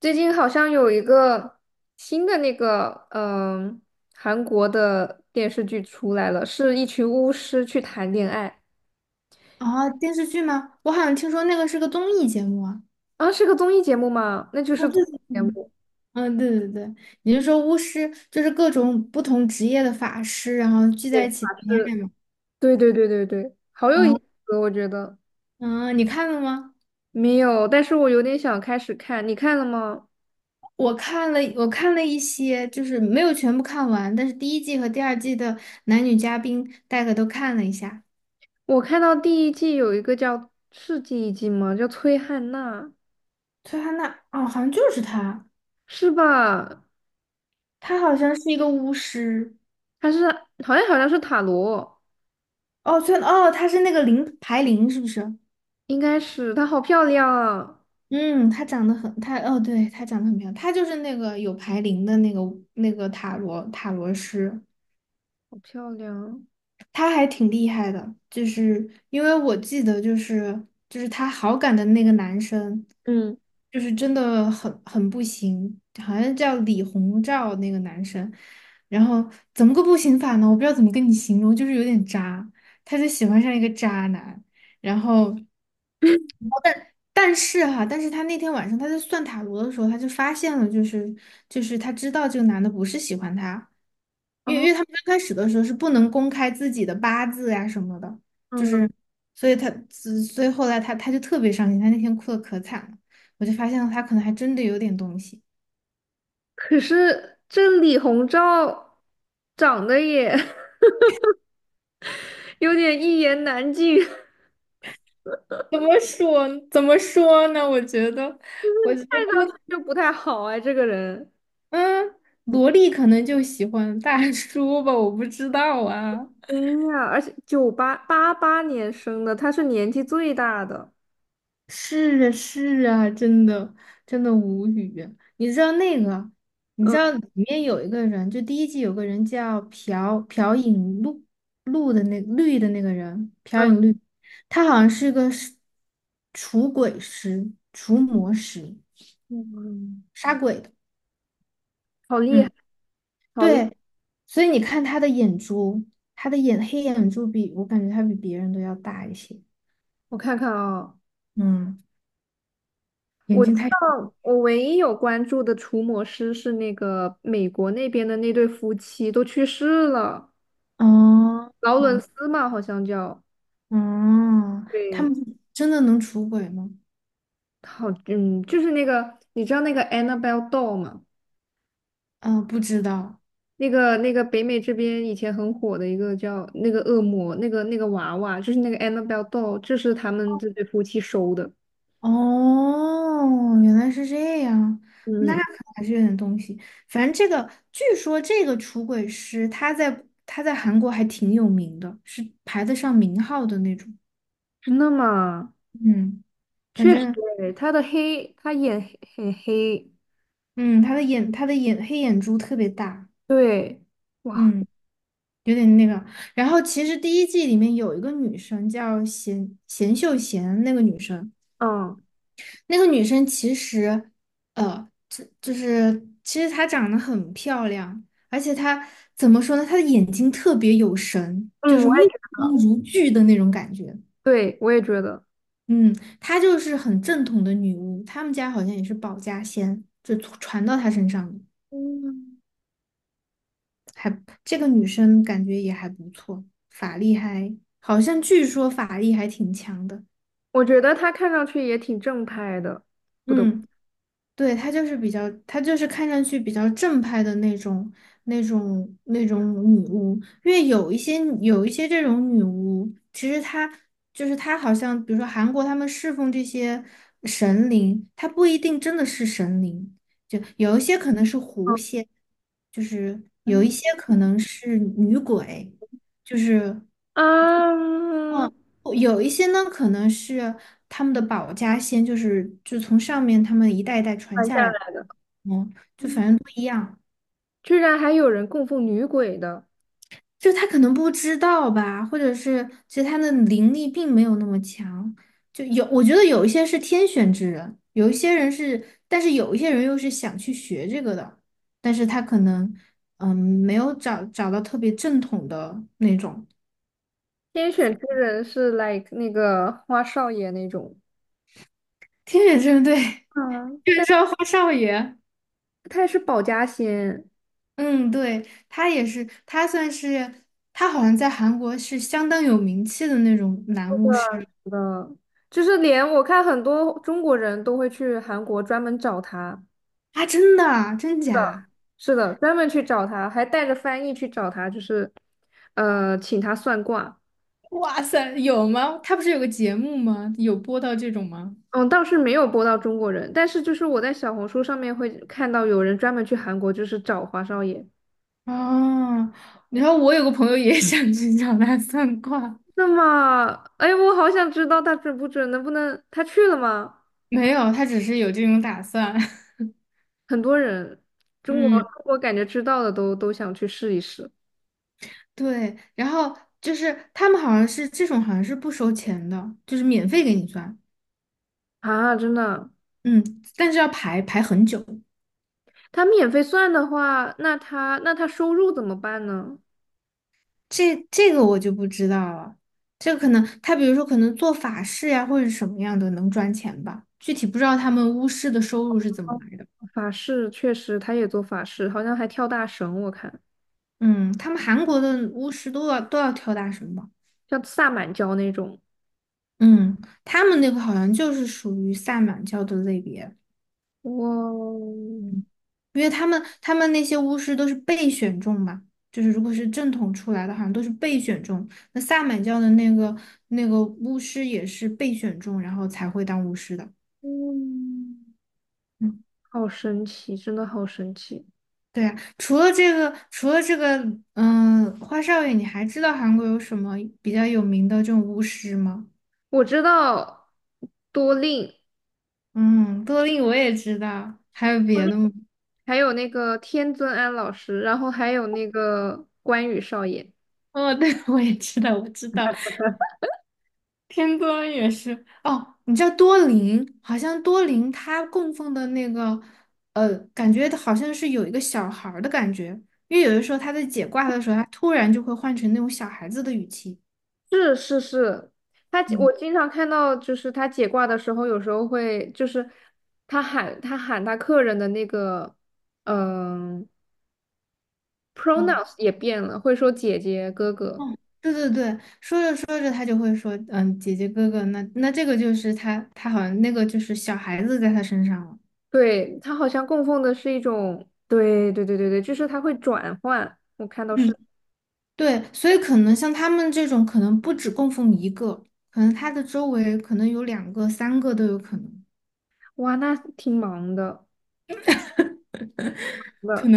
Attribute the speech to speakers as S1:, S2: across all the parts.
S1: 最近好像有一个新的韩国的电视剧出来了，是一群巫师去谈恋爱。
S2: 啊，电视剧吗？我好像听说那个是个综艺节目啊。
S1: 啊，是个综艺节目吗？那就
S2: 啊，
S1: 是综
S2: 对对
S1: 艺节
S2: 对。
S1: 目。
S2: 嗯，对对对。你是说巫师就是各种不同职业的法师，然后聚
S1: 对，
S2: 在一起谈
S1: 法
S2: 恋
S1: 师。
S2: 爱吗？
S1: 对对对对对，好有意
S2: 啊。
S1: 思，我觉得。
S2: 嗯，你看了吗？
S1: 没有，但是我有点想开始看，你看了吗？
S2: 我看了，一些，就是没有全部看完，但是第一季和第二季的男女嘉宾大概都看了一下。
S1: 我看到第一季有一个叫，是第一季吗？叫崔汉娜，
S2: 崔汉娜，哦，好像就是她，
S1: 是吧？
S2: 她好像是一个巫师。
S1: 她是好像是塔罗，
S2: 哦，崔，哦，她是那个零排零，是不是？
S1: 应该是她好漂亮啊，
S2: 嗯，他长得很，他哦，对，他长得很漂亮。他就是那个有牌灵的那个塔罗师，
S1: 好漂亮啊。
S2: 他还挺厉害的，就是因为我记得就是他好感的那个男生，
S1: 嗯。
S2: 就是真的很不行，好像叫李鸿照那个男生。然后怎么个不行法呢？我不知道怎么跟你形容，就是有点渣，他就喜欢上一个渣男。然后。但是哈，但是他那天晚上他在算塔罗的时候，他就发现了，就是他知道这个男的不是喜欢他，因为
S1: 哦。
S2: 因为他们刚开始的时候是不能公开自己的八字呀、什么的。就
S1: 嗯。
S2: 是所以后来他就特别伤心，他那天哭的可惨了，我就发现了他可能还真的有点东西。
S1: 可是这李鸿章长得也 有点一言难尽，看
S2: 怎么说？怎么说呢？我觉得，我觉得，
S1: 上去就不太好哎，这个人。
S2: 嗯，萝莉可能就喜欢大叔吧，我不知道啊。
S1: 哎呀，而且1988年生的，他是年纪最大的。
S2: 是啊，是啊，真的。真的无语啊。你知道那个，你知道
S1: 嗯
S2: 里面有一个人，就第一季有个人叫朴槿禄绿的那个人，朴
S1: 嗯
S2: 槿绿。他好像是除鬼师、除魔师，
S1: 嗯。
S2: 杀鬼的。
S1: 好厉害，
S2: 嗯，
S1: 好厉害！
S2: 对，所以你看他的眼珠，他的眼黑眼珠比我感觉他比别人都要大一些。
S1: 我看看啊。
S2: 嗯，眼睛太
S1: 哦，我唯一有关注的除魔师是那个美国那边的那对夫妻，都去世了，
S2: 哦。
S1: 劳伦斯嘛，好像叫。
S2: 嗯，他们
S1: 对。
S2: 真的能出轨吗？
S1: 好，嗯，就是那个，你知道那个 Annabelle doll 吗？
S2: 嗯，不知道。
S1: 那个北美这边以前很火的一个叫那个恶魔，那个娃娃，就是那个 Annabelle doll,这是他们这对夫妻收的。
S2: 哦，原来是这样。那
S1: 嗯。
S2: 可还是有点东西。反正这个，据说这个出轨师他在韩国还挺有名的，是排得上名号的那种。
S1: 真的吗？
S2: 嗯，反
S1: 确实
S2: 正。
S1: 诶，他的黑，他眼黑很黑。
S2: 嗯，他的眼黑眼珠特别大。
S1: 对。哇。
S2: 嗯，有点那个。然后其实第一季里面有一个女生叫秀贤，那个女生。
S1: 嗯
S2: 那个女生其实，就是其实她长得很漂亮，而且她怎么说呢？她的眼睛特别有神，就
S1: 嗯。
S2: 是
S1: 我
S2: 目
S1: 也觉
S2: 光
S1: 得。
S2: 如炬的那种感觉。
S1: 对，我也觉得。
S2: 嗯，她就是很正统的女巫，她们家好像也是保家仙，就传到她身上的
S1: 嗯。
S2: 还。这个女生感觉也还不错，法力还好像据说法力还挺强的。
S1: 我觉得他看上去也挺正派的，不得不。
S2: 嗯，对，她就是比较，她就是看上去比较正派的那种女巫。因为有一些这种女巫，其实她就是她，好像比如说韩国他们侍奉这些神灵，她不一定真的是神灵，就有一些可能是狐仙，就是有
S1: 嗯。
S2: 一些可能是女鬼，就是。
S1: 嗯。
S2: 嗯，哦有一些呢，可能是他们的保家仙，就是就从上面他们一代一代传
S1: 买
S2: 下
S1: 下
S2: 来。
S1: 来的。
S2: 嗯，就反正不一样。
S1: 居然还有人供奉女鬼的。
S2: 就他可能不知道吧，或者是其实他的灵力并没有那么强，就有我觉得有一些是天选之人，有一些人是，但是有一些人又是想去学这个的，但是他可能没有找到特别正统的那种。
S1: 天选之人是 like 那个花少爷那种。
S2: 天选之人，对，
S1: 嗯。
S2: 天是说花少爷。
S1: 他也是保家仙
S2: 嗯，对，他也是，他算是，他好像在韩国是相当有名气的那种男巫师。
S1: 的，就是连我看很多中国人都会去韩国专门找他。
S2: 啊，真的啊，真假？
S1: 是的，专门去找他，还带着翻译去找他，就是请他算卦。
S2: 哇塞，有吗？他不是有个节目吗？有播到这种吗？
S1: 嗯，倒是没有播到中国人，但是就是我在小红书上面会看到有人专门去韩国就是找花少爷。
S2: 啊，然后我有个朋友也 想去找他算卦。
S1: 那么，哎，我好想知道他准不准，能不能他去了吗？
S2: 没有，他只是有这种打算。
S1: 很多人。中国
S2: 嗯，
S1: 中国感觉知道的都想去试一试。
S2: 对，然后就是他们好像是这种，好像是不收钱的，就是免费给你算。
S1: 啊，真的。
S2: 嗯，但是要排很久。
S1: 他免费算的话，那他收入怎么办呢？
S2: 这个我就不知道了。这个可能他比如说可能做法事呀、或者什么样的能赚钱吧，具体不知道他们巫师的收入是怎么
S1: 哦，
S2: 来的。
S1: 法事确实，他也做法事，好像还跳大绳，我看
S2: 嗯，他们韩国的巫师都要跳大神吧？
S1: 像萨满教那种。
S2: 嗯，他们那个好像就是属于萨满教的类别。
S1: 哇哦。
S2: 嗯因为他们那些巫师都是被选中嘛，就是如果是正统出来的，好像都是被选中。那萨满教的那个巫师也是被选中，然后才会当巫师的。
S1: 嗯。
S2: 嗯。
S1: 好神奇，真的好神奇。
S2: 对呀，除了这个，嗯，花少爷，你还知道韩国有什么比较有名的这种巫师吗？
S1: 我知道多令。
S2: 嗯，多令我也知道，还有
S1: 多
S2: 别
S1: 令，
S2: 的吗？
S1: 还有那个天尊安老师，然后还有那个关羽少爷。
S2: 哦，对，我也知道，我知道，天多也是。哦，你知道多林？好像多林他供奉的那个，感觉好像是有一个小孩儿的感觉，因为有的时候他在解卦的时候，他突然就会换成那种小孩子的语气。
S1: 是是是，他
S2: 嗯
S1: 我经常看到，就是他解卦的时候，有时候会就是他喊客人的那个嗯
S2: 嗯。
S1: pronouns 也变了，会说姐姐哥哥。
S2: 哦，对对对，说着说着他就会说，嗯，姐姐哥哥，那这个就是他，他好像那个就是小孩子在他身上了。
S1: 对，他好像供奉的是一种，对对对对对，就是他会转换。
S2: 嗯，对，所以可能像他们这种，可能不止供奉一个，可能他的周围可能有两个、三个都有可能。
S1: 哇，那挺忙的。的。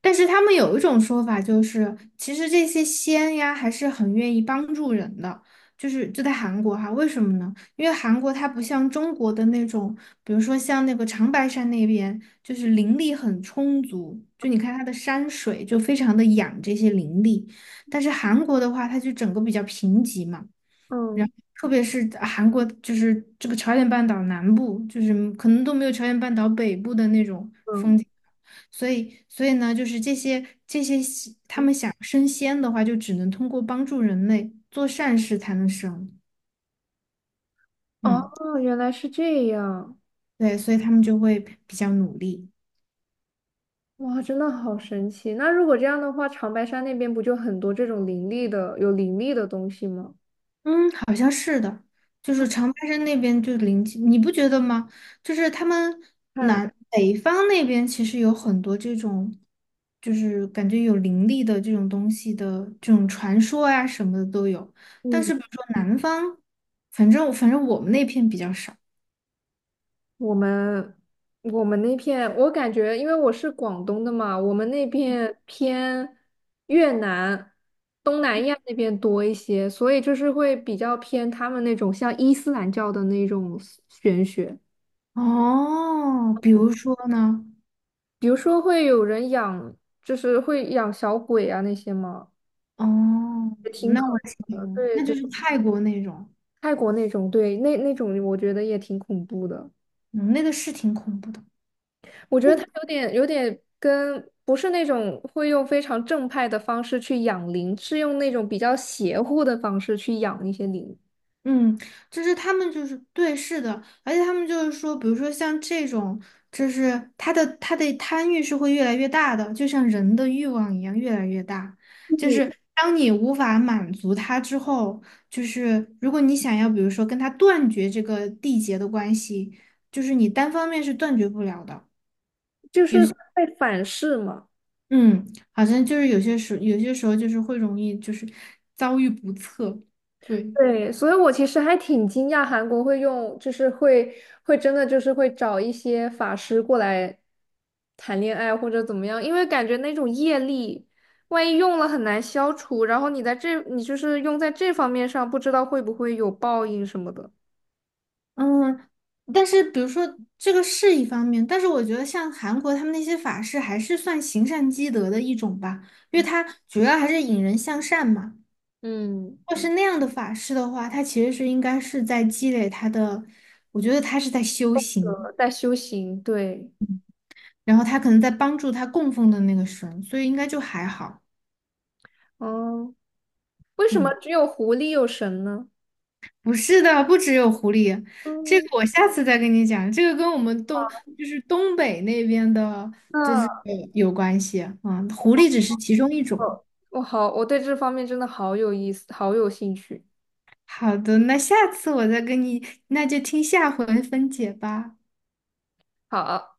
S2: 但是他们有一种说法，就是其实这些仙呀还是很愿意帮助人的，就在韩国哈，为什么呢？因为韩国它不像中国的那种，比如说像那个长白山那边，就是灵力很充足，就你看它的山水就非常的养这些灵力，但是韩国的话，它就整个比较贫瘠嘛。然
S1: 嗯
S2: 后特别是啊韩国，就是这个朝鲜半岛南部，就是可能都没有朝鲜半岛北部的那种风
S1: 嗯。
S2: 景。所以，所以呢，就是这些西他们想升仙的话，就只能通过帮助人类做善事才能升。嗯，
S1: 哦，原来是这样。
S2: 对，所以他们就会比较努力。
S1: 哇，真的好神奇！那如果这样的话，长白山那边不就很多这种灵力的、有灵力的东西吗？
S2: 嗯，好像是的，就是长白山那边就灵气，你不觉得吗？就是他们
S1: 看。
S2: 南北方那边其实有很多这种，就是感觉有灵力的这种东西的这种传说呀、什么的都有。但
S1: 嗯。
S2: 是比如说南方，反正我们那片比较少。
S1: 我们我们那片，我感觉，因为我是广东的嘛，我们那片偏越南、东南亚那边多一些，所以就是会比较偏他们那种像伊斯兰教的那种玄学。
S2: 哦，比如说呢？
S1: 比如说会有人养，就是会养小鬼啊那些嘛，
S2: 哦，
S1: 也挺
S2: 那
S1: 可
S2: 我
S1: 的。
S2: 听，
S1: 对
S2: 那
S1: 对，
S2: 就是泰国那种，
S1: 泰国那种。对，那种我觉得也挺恐怖的。
S2: 嗯，那个是挺恐怖的。
S1: 我觉得他有点跟不是那种会用非常正派的方式去养灵，是用那种比较邪乎的方式去养一些灵。
S2: 嗯，就是他们就是对，是的，而且他们就是说，比如说像这种，就是他的贪欲是会越来越大的，就像人的欲望一样越来越大。就
S1: 嗯，
S2: 是当你无法满足他之后，就是如果你想要，比如说跟他断绝这个缔结的关系，就是你单方面是断绝不了的。
S1: 就是会反噬嘛。
S2: 嗯，好像就是有些时候就是会容易就是遭遇不测，对。
S1: 对，所以我其实还挺惊讶韩国会用，就是会真的就是会找一些法师过来谈恋爱或者怎么样，因为感觉那种业力，万一用了很难消除，然后你就是用在这方面上，不知道会不会有报应什么的。
S2: 嗯，但是比如说这个是一方面，但是我觉得像韩国他们那些法师还是算行善积德的一种吧，因为它主要还是引人向善嘛。
S1: 嗯。
S2: 要是那样的法师的话，他其实是应该是在积累他的，我觉得他是在修行，
S1: 在修行，对。
S2: 然后他可能在帮助他供奉的那个神，所以应该就还好。
S1: 哦，为什么
S2: 嗯。
S1: 只有狐狸有神呢？
S2: 不是的，不只有狐狸，这
S1: 嗯，
S2: 个我下次再跟你讲。这个跟我们东
S1: 好，
S2: 就是东北那边的
S1: 那
S2: 有关系啊。嗯狐狸只是其中一种。
S1: 我好，我对这方面真的好有意思，好有兴趣。
S2: 好的，那下次我再跟你，那就听下回分解吧。
S1: 好。